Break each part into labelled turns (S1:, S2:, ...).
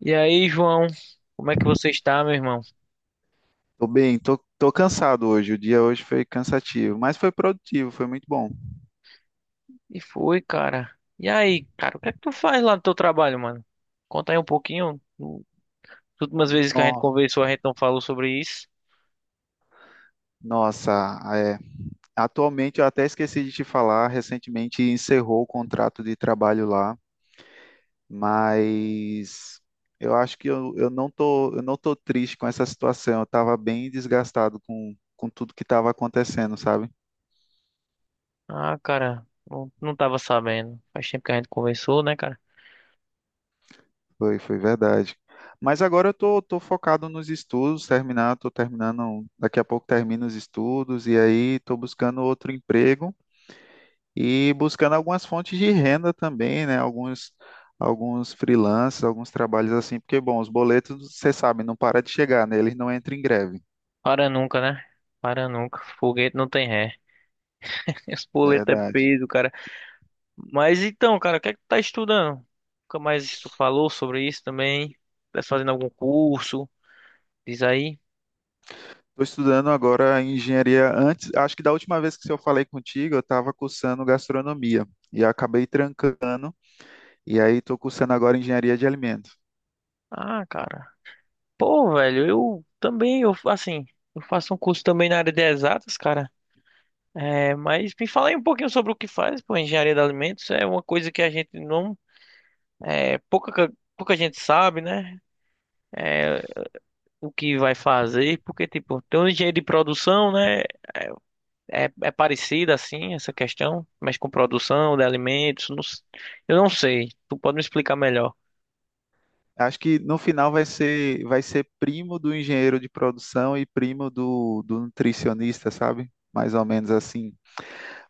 S1: E aí, João, como é que você está, meu irmão?
S2: Tô bem, tô cansado hoje. O dia hoje foi cansativo, mas foi produtivo, foi muito bom.
S1: E foi, cara. E aí, cara, o que é que tu faz lá no teu trabalho, mano? Conta aí um pouquinho. As últimas vezes que a gente
S2: No-
S1: conversou, a gente não falou sobre isso.
S2: Nossa, é. Atualmente eu até esqueci de te falar, recentemente encerrou o contrato de trabalho lá, mas eu acho que eu não tô, eu não tô triste com essa situação. Eu tava bem desgastado com tudo que estava acontecendo, sabe?
S1: Ah, cara, não tava sabendo. Faz tempo que a gente conversou, né, cara?
S2: Foi verdade. Mas agora eu tô focado nos estudos, tô terminando, daqui a pouco termino os estudos e aí tô buscando outro emprego e buscando algumas fontes de renda também, né? Alguns freelancers, alguns trabalhos assim, porque, bom, os boletos, você sabe, não para de chegar, né? Eles não entram em greve,
S1: Para nunca, né? Para nunca. Foguete não tem ré. Esse boleto é
S2: verdade.
S1: peso, cara. Mas então, cara, o que é que tu tá estudando? Nunca mais tu falou sobre isso também? Tá fazendo algum curso? Diz aí.
S2: Estou estudando agora engenharia. Antes, acho que da última vez que eu falei contigo, eu estava cursando gastronomia e acabei trancando, e aí estou cursando agora engenharia de alimentos.
S1: Ah, cara. Pô, velho, eu também, eu assim, eu faço um curso também na área de exatas, cara. É, mas me fala aí um pouquinho sobre o que faz, pô, engenharia de alimentos é uma coisa que a gente não, é, pouca gente sabe, né? É, o que vai fazer, porque tipo, tem um engenheiro de produção, né? É, é parecida assim essa questão, mas com produção de alimentos, eu não sei. Tu pode me explicar melhor?
S2: Acho que no final vai ser primo do engenheiro de produção e primo do nutricionista, sabe? Mais ou menos assim.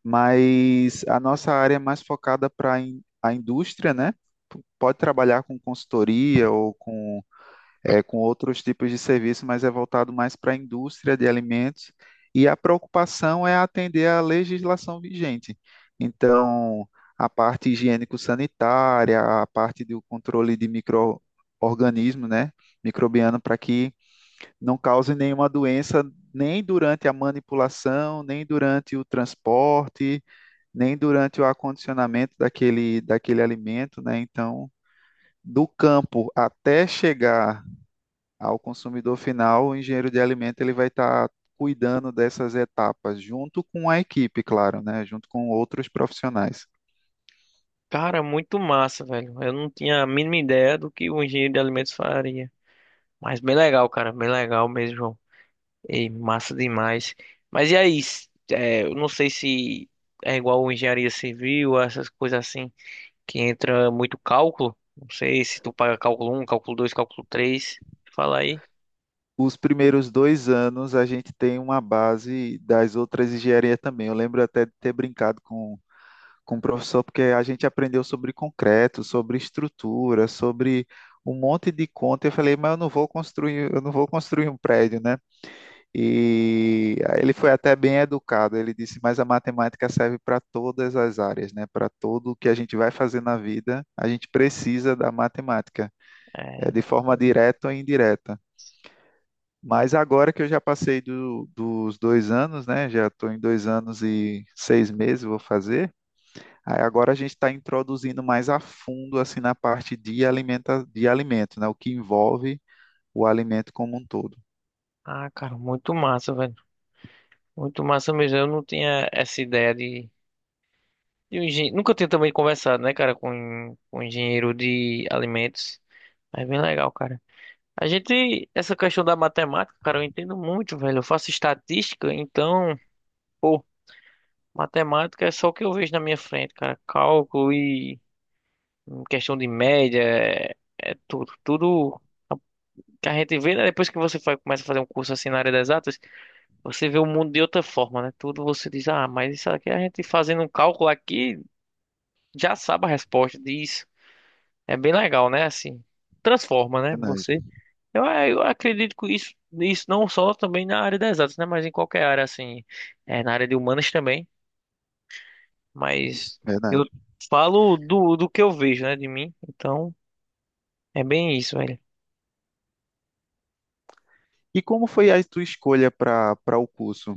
S2: Mas a nossa área é mais focada para a indústria, né? Pode trabalhar com consultoria ou com com outros tipos de serviço, mas é voltado mais para a indústria de alimentos. E a preocupação é atender à legislação vigente. Então, a parte higiênico-sanitária, a parte do controle de micro-organismo, né, microbiano, para que não cause nenhuma doença nem durante a manipulação, nem durante o transporte, nem durante o acondicionamento daquele alimento, né? Então, do campo até chegar ao consumidor final, o engenheiro de alimento ele vai estar cuidando dessas etapas, junto com a equipe, claro, né? Junto com outros profissionais.
S1: Cara, muito massa, velho. Eu não tinha a mínima ideia do que o engenheiro de alimentos faria. Mas bem legal, cara, bem legal mesmo, João. E massa demais. Mas e aí? Eu não sei se é igual engenharia civil, essas coisas assim, que entra muito cálculo. Não sei se tu paga cálculo um cálculo 2 cálculo três. Fala aí.
S2: Os primeiros 2 anos a gente tem uma base das outras engenharias também. Eu lembro até de ter brincado com o professor, porque a gente aprendeu sobre concreto, sobre estrutura, sobre um monte de conta. Eu falei, mas eu não vou construir, eu não vou construir um prédio, né? E ele foi até bem educado. Ele disse: mas a matemática serve para todas as áreas, né? Para tudo que a gente vai fazer na vida, a gente precisa da matemática, é,
S1: É.
S2: de forma direta ou indireta. Mas agora que eu já passei dos 2 anos, né? Já estou em 2 anos e 6 meses, vou fazer. Aí agora a gente está introduzindo mais a fundo, assim, na parte de alimenta, de alimento, né? O que envolve o alimento como um todo.
S1: Ah, cara, muito massa, velho. Muito massa mesmo. Eu não tinha essa ideia de um engenheiro. Nunca tinha também conversado, né, cara, com um engenheiro de alimentos. É bem legal, cara. A gente, essa questão da matemática, cara, eu entendo muito, velho. Eu faço estatística, então, pô, matemática é só o que eu vejo na minha frente, cara. Cálculo e questão de média, é, é tudo. Tudo que a gente vê, né? Depois que você faz começa a fazer um curso assim na área das exatas, você vê o mundo de outra forma, né? Tudo você diz, ah, mas isso aqui a gente fazendo um cálculo aqui já sabe a resposta disso. É bem legal, né? Assim, transforma, né?
S2: Verdade,
S1: Você. Eu, é, eu acredito que isso não só também na área das exatas, né? Mas em qualquer área, assim, é, na área de humanas também. Mas
S2: verdade.
S1: eu falo do, do que eu vejo, né, de mim. Então, é bem isso, velho.
S2: E como foi a tua escolha para o curso?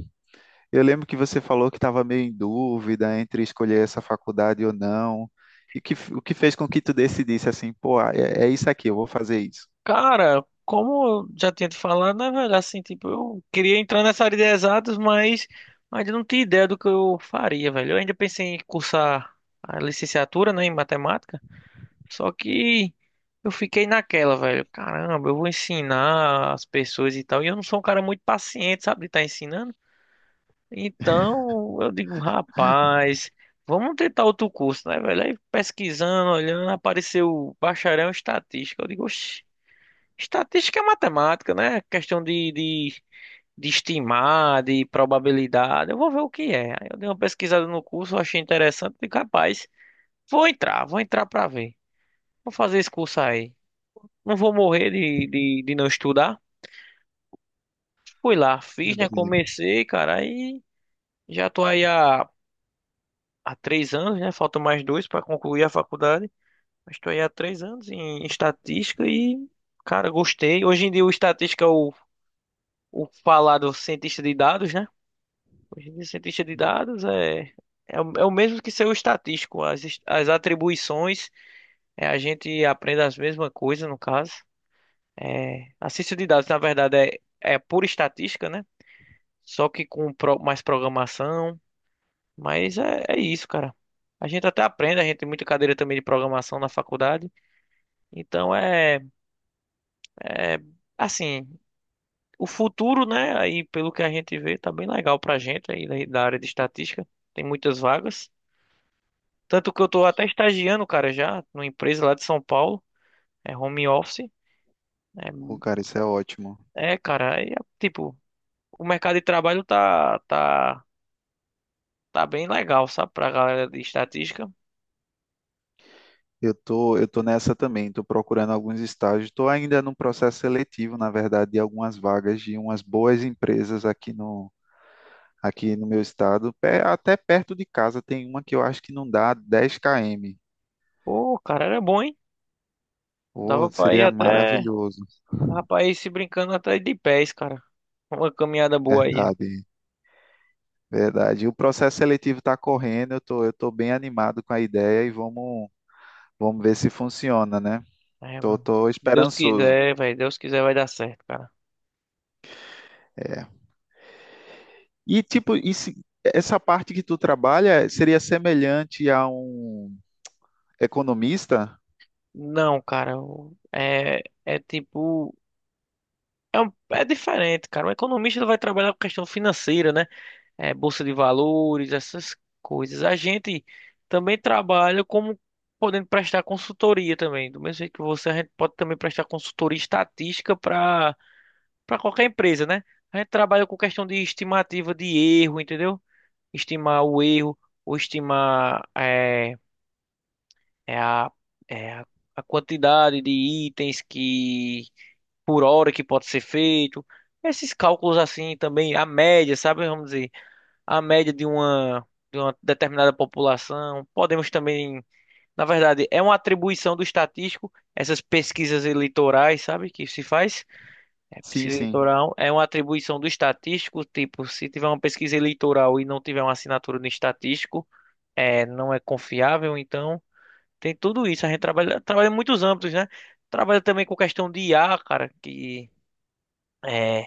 S2: Eu lembro que você falou que estava meio em dúvida entre escolher essa faculdade ou não. E que, o que fez com que tu decidisse assim, pô, ah, é isso aqui, eu vou fazer isso.
S1: Cara, como eu já tinha te falado, né, velho, assim, tipo, eu queria entrar nessa área de exatas, mas ainda não tinha ideia do que eu faria, velho. Eu ainda pensei em cursar a licenciatura, né, em matemática. Só que eu fiquei naquela, velho. Caramba, eu vou ensinar as pessoas e tal. E eu não sou um cara muito paciente, sabe, de estar ensinando. Então eu digo, rapaz, vamos tentar outro curso, né, velho? Aí pesquisando, olhando, apareceu bacharel em estatística. Eu digo, oxi, estatística é matemática, né? Questão de estimar, de probabilidade. Eu vou ver o que é. Aí eu dei uma pesquisada no curso, achei interessante. Digo, rapaz, vou entrar pra ver. Vou fazer esse curso aí. Não vou morrer de não estudar. Fui lá, fiz, né?
S2: Verdade.
S1: Comecei, cara, aí já tô aí há, há três anos, né? Faltam mais dois para concluir a faculdade. Mas tô aí há três anos em, estatística e, cara, gostei. Hoje em dia o estatística é o falado cientista de dados, né? Hoje em dia cientista de dados é, é, é o mesmo que ser o estatístico. As, as atribuições, é, a gente aprende as mesmas coisas, no caso. É, a ciência de dados, na verdade, é, é por estatística, né? Só que com mais programação. Mas é, é isso, cara. A gente até aprende, a gente tem muita cadeira também de programação na faculdade. Então é, é assim, o futuro, né? Aí pelo que a gente vê, tá bem legal pra gente aí da área de estatística. Tem muitas vagas. Tanto que eu tô até estagiando, cara, já, numa empresa lá de São Paulo. É home office.
S2: Pô, cara, isso é ótimo.
S1: É, é, cara, aí, é, tipo, o mercado de trabalho tá bem legal, sabe? Pra galera de estatística.
S2: Eu tô nessa também, tô procurando alguns estágios, tô ainda num processo seletivo, na verdade, de algumas vagas de umas boas empresas aqui aqui no meu estado, até perto de casa tem uma que eu acho que não dá 10 km.
S1: Pô, cara, era bom, hein?
S2: Pô,
S1: Dava pra ir
S2: seria
S1: até.
S2: maravilhoso.
S1: Dava pra ir se brincando até de pés, cara. Uma caminhada boa aí.
S2: Verdade, verdade. E o processo seletivo está correndo, eu tô bem animado com a ideia e vamos ver se funciona, né?
S1: É,
S2: Tô,
S1: mano.
S2: tô
S1: Deus
S2: esperançoso.
S1: quiser, velho. Deus quiser vai dar certo, cara.
S2: É. E tipo, e essa parte que tu trabalha seria semelhante a um economista?
S1: Não, cara. É, é tipo. É, é diferente, cara. O economista ele vai trabalhar com questão financeira, né? É, bolsa de valores, essas coisas. A gente também trabalha como podendo prestar consultoria também. Do mesmo jeito que você, a gente pode também prestar consultoria estatística para qualquer empresa, né? A gente trabalha com questão de estimativa de erro, entendeu? Estimar o erro, ou estimar é, é a, é a a quantidade de itens que por hora que pode ser feito. Esses cálculos assim também, a média, sabe? Vamos dizer, a média de uma determinada população. Podemos também, na verdade, é uma atribuição do estatístico, essas pesquisas eleitorais, sabe? Que se faz. É,
S2: Sim,
S1: pesquisa
S2: sim.
S1: eleitoral é uma atribuição do estatístico, tipo, se tiver uma pesquisa eleitoral e não tiver uma assinatura no estatístico, é, não é confiável, então tem tudo isso. A gente trabalha em muitos âmbitos, né? Trabalha também com questão de IA, cara, que é,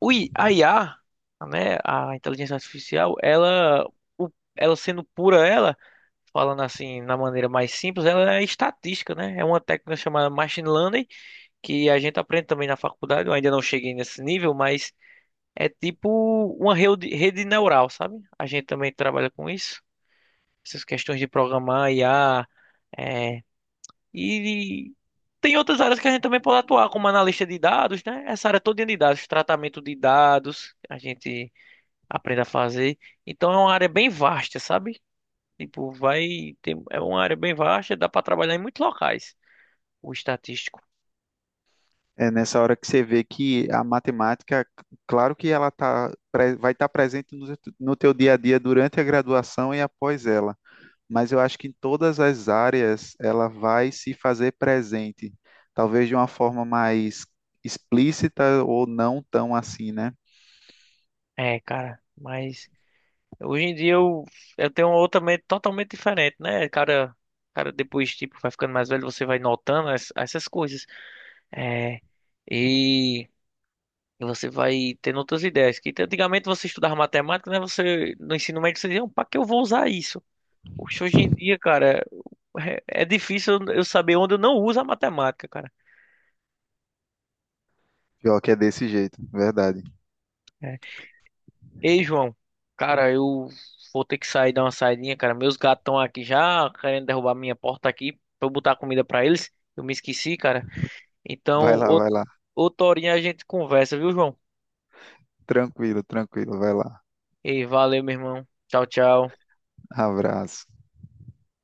S1: a IA, né, a inteligência artificial, ela, ela sendo pura ela, falando assim, na maneira mais simples, ela é estatística, né? É uma técnica chamada machine learning, que a gente aprende também na faculdade, eu ainda não cheguei nesse nível, mas é tipo uma rede neural, sabe? A gente também trabalha com isso. Essas questões de programar, IA, é, e tem outras áreas que a gente também pode atuar, como analista de dados, né? Essa área toda de dados, tratamento de dados, a gente aprende a fazer. Então é uma área bem vasta, sabe? Tipo, vai ter, é uma área bem vasta, dá para trabalhar em muitos locais, o estatístico.
S2: É nessa hora que você vê que a matemática, claro que ela vai estar presente no teu dia a dia durante a graduação e após ela. Mas eu acho que em todas as áreas ela vai se fazer presente, talvez de uma forma mais explícita ou não tão assim, né?
S1: É, cara, mas hoje em dia eu tenho uma outra mente totalmente diferente, né? Cara, depois, tipo, vai ficando mais velho, você vai notando essas coisas. É, e você vai tendo outras ideias. Que antigamente você estudava matemática, né? Você, no ensino médio, você dizia, pra que eu vou usar isso? Poxa, hoje em dia, cara, é, é difícil eu saber onde eu não uso a matemática, cara.
S2: Pior que é desse jeito, verdade.
S1: É, ei, João, cara, eu vou ter que sair dar uma saidinha, cara. Meus gatos estão aqui já querendo derrubar minha porta aqui pra eu botar comida pra eles. Eu me esqueci, cara. Então,
S2: Vai lá, vai lá.
S1: outra horinha a gente conversa, viu, João?
S2: Tranquilo, tranquilo, vai lá.
S1: Ei, valeu, meu irmão. Tchau, tchau.
S2: Abraço.